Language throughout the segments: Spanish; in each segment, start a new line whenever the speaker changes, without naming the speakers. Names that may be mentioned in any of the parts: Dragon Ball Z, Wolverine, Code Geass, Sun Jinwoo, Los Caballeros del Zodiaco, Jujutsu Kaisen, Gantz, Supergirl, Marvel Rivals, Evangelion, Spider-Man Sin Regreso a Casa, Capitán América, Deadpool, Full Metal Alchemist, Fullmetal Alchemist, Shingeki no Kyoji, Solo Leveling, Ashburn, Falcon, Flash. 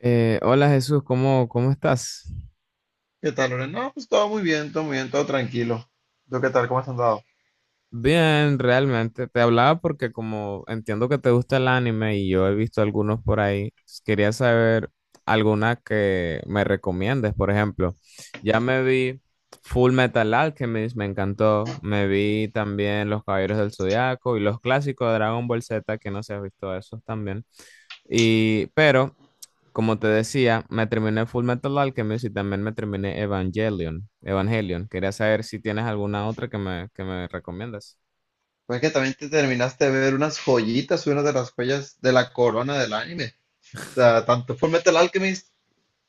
Hola Jesús, ¿cómo estás?
¿Qué tal, Loren? No, pues todo muy bien, todo muy bien, todo tranquilo. ¿Tú qué tal? ¿Cómo has andado?
Bien, realmente. Te hablaba porque como entiendo que te gusta el anime y yo he visto algunos por ahí, quería saber alguna que me recomiendes. Por ejemplo, ya me vi Full Metal Alchemist, me encantó. Me vi también Los Caballeros del Zodiaco y los clásicos de Dragon Ball Z, que no sé si has visto esos también. Y, pero Como te decía, me terminé Full Metal Alchemist y también me terminé Evangelion. Evangelion. Quería saber si tienes alguna otra que que me recomiendas.
Fue que también te terminaste de ver unas joyitas, una de las joyas de la corona del anime. O sea, tanto Fullmetal Alchemist,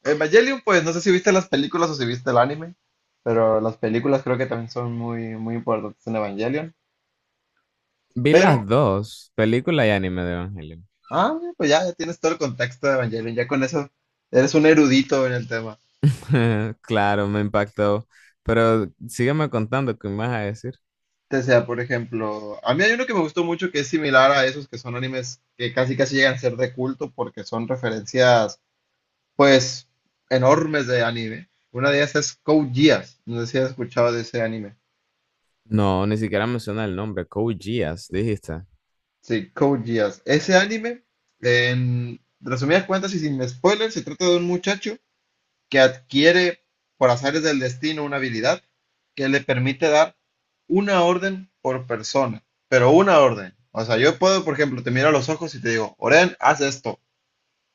Evangelion, pues no sé si viste las películas o si viste el anime, pero las películas creo que también son muy, muy importantes en Evangelion.
Vi
Pero,
las dos, película y anime de Evangelion.
pues ya tienes todo el contexto de Evangelion, ya con eso eres un erudito en el tema.
Claro, me impactó. Pero sígueme contando, ¿qué me vas a decir?
O sea, por ejemplo, a mí hay uno que me gustó mucho que es similar a esos que son animes que casi casi llegan a ser de culto porque son referencias, pues, enormes de anime. Una de ellas es Code Geass. No sé si has escuchado de ese anime.
No, ni siquiera menciona el nombre. Code Geass, dijiste.
Sí, Code Geass. Ese anime, en resumidas cuentas y sin spoilers, se trata de un muchacho que adquiere por azares del destino una habilidad que le permite dar una orden por persona, pero una orden. O sea, yo puedo, por ejemplo, te miro a los ojos y te digo, Oren, haz esto,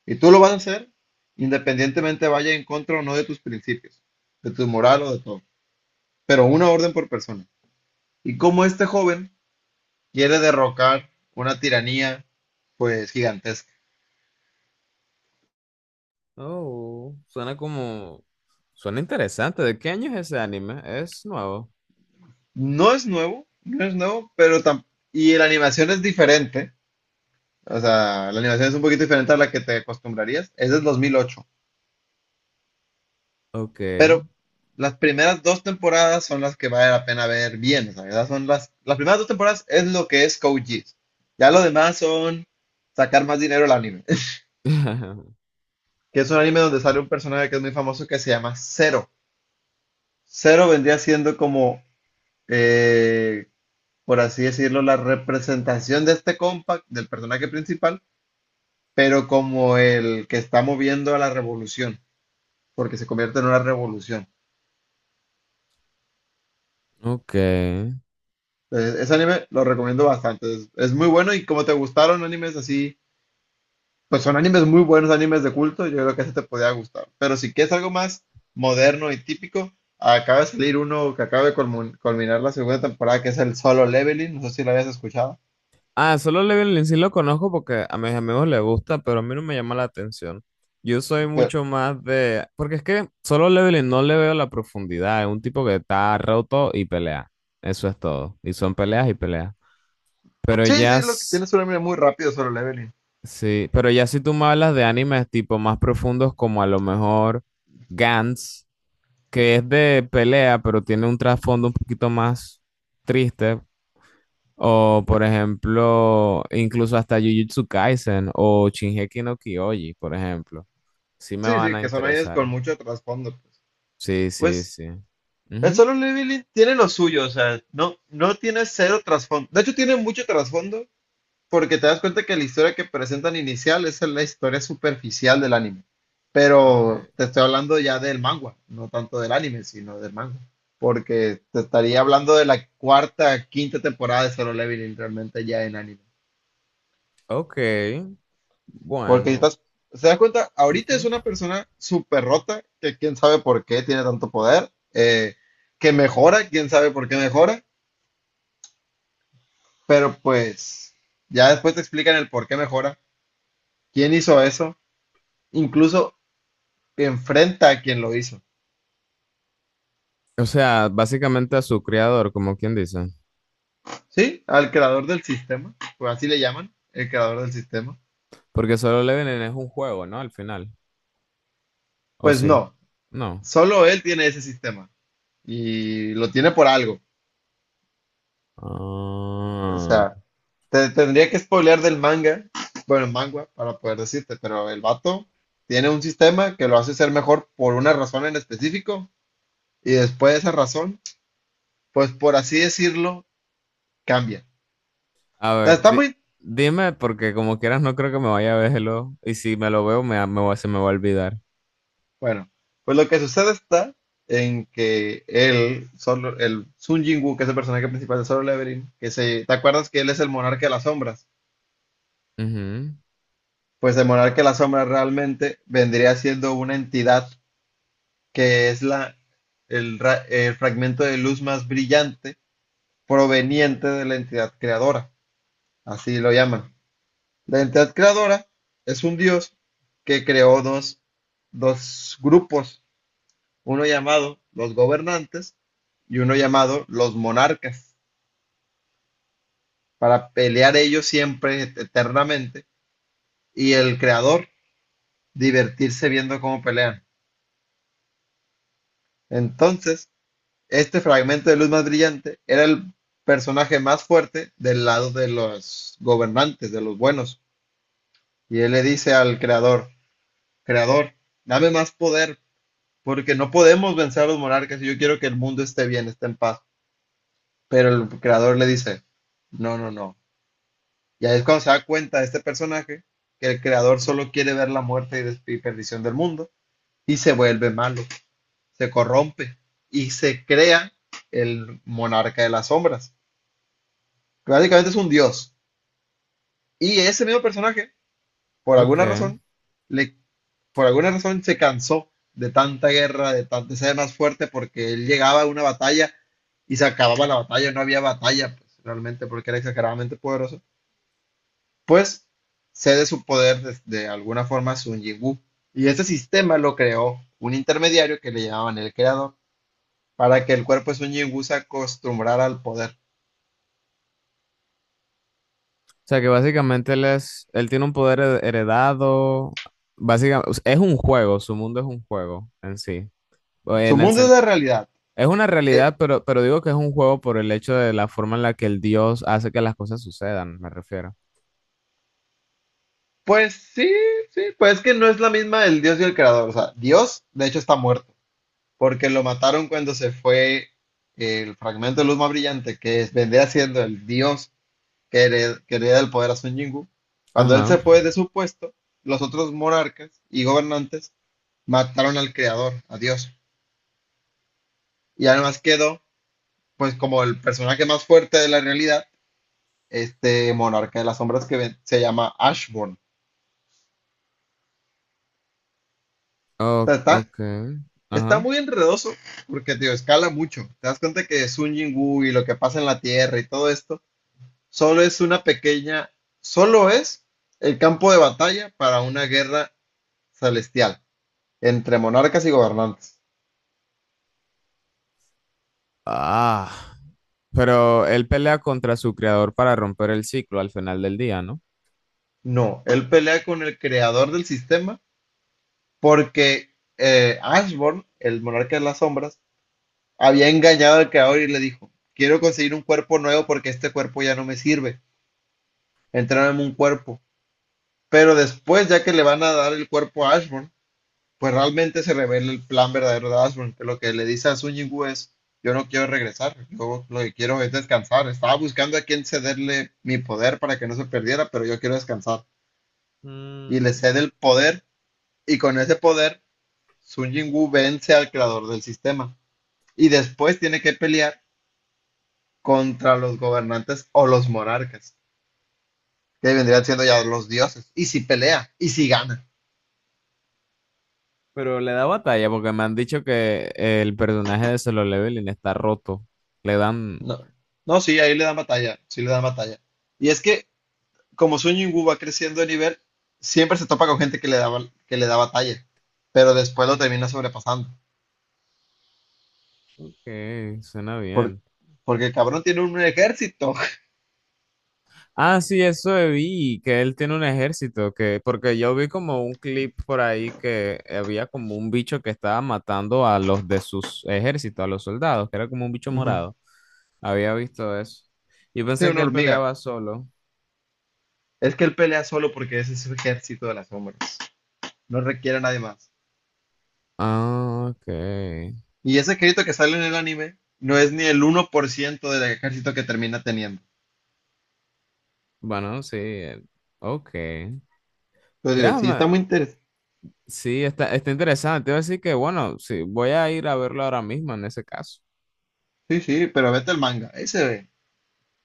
y tú lo vas a hacer independientemente vaya en contra o no de tus principios, de tu moral o de todo, pero una orden por persona. Y como este joven quiere derrocar una tiranía, pues gigantesca.
Oh, suena como... suena interesante. ¿De qué año es ese anime? ¿Es nuevo?
No es nuevo, no es nuevo, pero y la animación es diferente. O sea, la animación es un poquito diferente a la que te acostumbrarías. Es del 2008.
Ok.
Pero las primeras dos temporadas son las que vale la pena ver bien. O sea, ¿verdad? Son las primeras dos temporadas es lo que es Code Geass. Ya lo demás son sacar más dinero al anime. Que es un anime donde sale un personaje que es muy famoso que se llama Zero. Zero vendría siendo como, eh, por así decirlo, la representación de este compa del personaje principal, pero como el que está moviendo a la revolución, porque se convierte en una revolución.
Ok.
Ese anime lo recomiendo bastante. Es muy bueno y como te gustaron animes así, pues son animes muy buenos, animes de culto, yo creo que ese te podía gustar. Pero si quieres algo más moderno y típico, acaba de salir uno que acaba de culminar la segunda temporada, que es el Solo Leveling. No sé si lo habías escuchado.
Ah, solo Level in sí lo conozco porque a mis amigos les gusta, pero a mí no me llama la atención. Yo soy
Pero,
mucho más de... porque es que solo Leveling no le veo la profundidad. Es un tipo que está roto y pelea. Eso es todo. Y son peleas y peleas. Pero
sí,
ya...
sí, lo que tiene es un anime muy rápido, Solo Leveling.
sí, pero ya si tú me hablas de animes tipo más profundos como a lo mejor Gantz, que es de pelea, pero tiene un trasfondo un poquito más triste. O, por ejemplo, incluso hasta Jujutsu Kaisen o Shingeki no Kyoji, por ejemplo. Sí me
Sí,
van
sí,
a
que son animes con
interesar.
mucho trasfondo.
Sí, sí,
Pues,
sí.
el
Ujú.
Solo Leveling tiene lo suyo, o sea, no tiene cero trasfondo. De hecho, tiene mucho trasfondo porque te das cuenta que la historia que presentan inicial es la historia superficial del anime. Pero
Ok,
te estoy hablando ya del manga, no tanto del anime, sino del manga. Porque te estaría hablando de la cuarta, quinta temporada de Solo Leveling realmente ya en anime.
ok,
Porque
bueno.
estás, se das cuenta, ahorita
Ujú.
es una persona súper rota, que quién sabe por qué tiene tanto poder, que mejora, quién sabe por qué mejora, pero pues ya después te explican el por qué mejora, quién hizo eso, incluso enfrenta a quien lo hizo,
O sea, básicamente a su creador, como quien dice.
¿sí? Al creador del sistema, pues así le llaman, el creador del sistema.
Porque Solo Leveling es un juego, ¿no? Al final. ¿O
Pues
sí?
no,
No.
solo él tiene ese sistema y lo tiene por algo. O
Ah.
sea, te tendría que spoilear del manga, bueno, manga, para poder decirte, pero el vato tiene un sistema que lo hace ser mejor por una razón en específico y después de esa razón, pues por así decirlo, cambia.
A
O sea,
ver,
está muy,
dime, porque como quieras no creo que me vaya a verlo. Y si me lo veo, se me va a olvidar.
bueno, pues lo que sucede está en que solo, el Sun Jinwoo, que es el personaje principal de Solo Leveling, ¿te acuerdas que él es el monarca de las sombras?
Ujú.
Pues el monarca de las sombras realmente vendría siendo una entidad que es el fragmento de luz más brillante proveniente de la entidad creadora, así lo llaman. La entidad creadora es un dios que creó dos grupos, uno llamado los gobernantes y uno llamado los monarcas, para pelear ellos siempre, eternamente, y el creador divertirse viendo cómo pelean. Entonces, este fragmento de luz más brillante era el personaje más fuerte del lado de los gobernantes, de los buenos. Y él le dice al creador, creador, dame más poder, porque no podemos vencer a los monarcas y yo quiero que el mundo esté bien, esté en paz. Pero el creador le dice, no, no, no. Y ahí es cuando se da cuenta este personaje que el creador solo quiere ver la muerte y, y perdición del mundo y se vuelve malo, se corrompe y se crea el monarca de las sombras, que básicamente es un dios. Y ese mismo personaje, por
Ok.
alguna razón, le, por alguna razón se cansó de tanta guerra, de ser más fuerte, porque él llegaba a una batalla y se acababa la batalla, no había batalla, pues, realmente, porque era exageradamente poderoso. Pues cede su poder de alguna forma a Sun Jinwoo. Y este sistema lo creó un intermediario que le llamaban el creador, para que el cuerpo de Sun Jinwoo se acostumbrara al poder.
Sea que básicamente él es, él tiene un poder heredado, básicamente, es un juego, su mundo es un juego en sí. O
Su
En el
mundo es
sen-
la realidad.
Es una
Eh,
realidad, pero digo que es un juego por el hecho de la forma en la que el dios hace que las cosas sucedan, me refiero.
pues sí, sí, pues es que no es la misma el Dios y el creador. O sea, Dios, de hecho, está muerto, porque lo mataron cuando se fue el fragmento de luz más brillante, que es, vendría siendo el Dios que hereda el poder a Sun Jingu. Cuando él se
Ajá.
fue de su puesto, los otros monarcas y gobernantes mataron al creador, a Dios. Y además quedó, pues, como el personaje más fuerte de la realidad, este monarca de las sombras que se llama Ashburn. O
O-
sea, está,
ok.
está
Ajá.
muy enredoso porque, tío, escala mucho. Te das cuenta que Sun Jingu y lo que pasa en la Tierra y todo esto, solo es una pequeña, solo es el campo de batalla para una guerra celestial entre monarcas y gobernantes.
Ah. Pero él pelea contra su creador para romper el ciclo al final del día, ¿no?
No, él pelea con el creador del sistema porque Ashborn, el monarca de las sombras, había engañado al creador y le dijo, quiero conseguir un cuerpo nuevo porque este cuerpo ya no me sirve, entrárame un cuerpo. Pero después, ya que le van a dar el cuerpo a Ashburn, pues realmente se revela el plan verdadero de Ashburn, que lo que le dice a Sun Yingu es, yo no quiero regresar, yo lo que quiero es descansar. Estaba buscando a quien cederle mi poder para que no se perdiera, pero yo quiero descansar. Y le
Mm.
cede el poder, y con ese poder, Sun Yingu vence al creador del sistema. Y después tiene que pelear contra los gobernantes o los monarcas, que vendrían siendo ya los dioses. Y si pelea, y si gana.
Pero le da batalla porque me han dicho que el personaje de Solo Leveling está roto. Le dan...
No, no, sí, ahí le dan batalla, sí le dan batalla. Y es que como Sun Yungu va creciendo de nivel, siempre se topa con gente que le da, que le da batalla, pero después lo termina sobrepasando.
Suena
Por-
bien.
porque el cabrón tiene un ejército.
Ah, sí, eso vi, que él tiene un ejército, que, porque yo vi como un clip por ahí que había como un bicho que estaba matando a los de sus ejércitos, a los soldados, que era como un bicho
Ujú.
morado. Había visto eso. Yo
Tiene
pensé que
una
él
hormiga.
peleaba solo.
Es que él pelea solo porque ese es su ejército de las sombras. No requiere a nadie más.
Ah, ok.
Y ese ejército que sale en el anime no es ni el 1% del ejército que termina teniendo.
Bueno, sí, ok.
Pero digo, sí, está
Déjame,
muy interesante.
sí, está, está interesante. Iba a decir que, bueno, sí, voy a ir a verlo ahora mismo en ese caso.
Sí, sí, pero vete al manga. Ese, ve.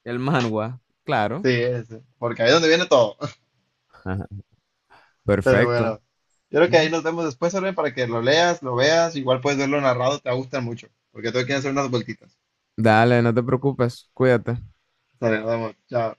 El manhwa, claro.
Sí, ese. Porque ahí es donde viene todo. Pero
Perfecto.
bueno, yo creo que ahí
Ujú.
nos vemos después, Orbe, para que lo leas, lo veas. Igual puedes verlo narrado, te va a gustar mucho. Porque tengo que hacer unas vueltitas.
Dale, no te preocupes, cuídate.
Dale, nos vemos. Chao.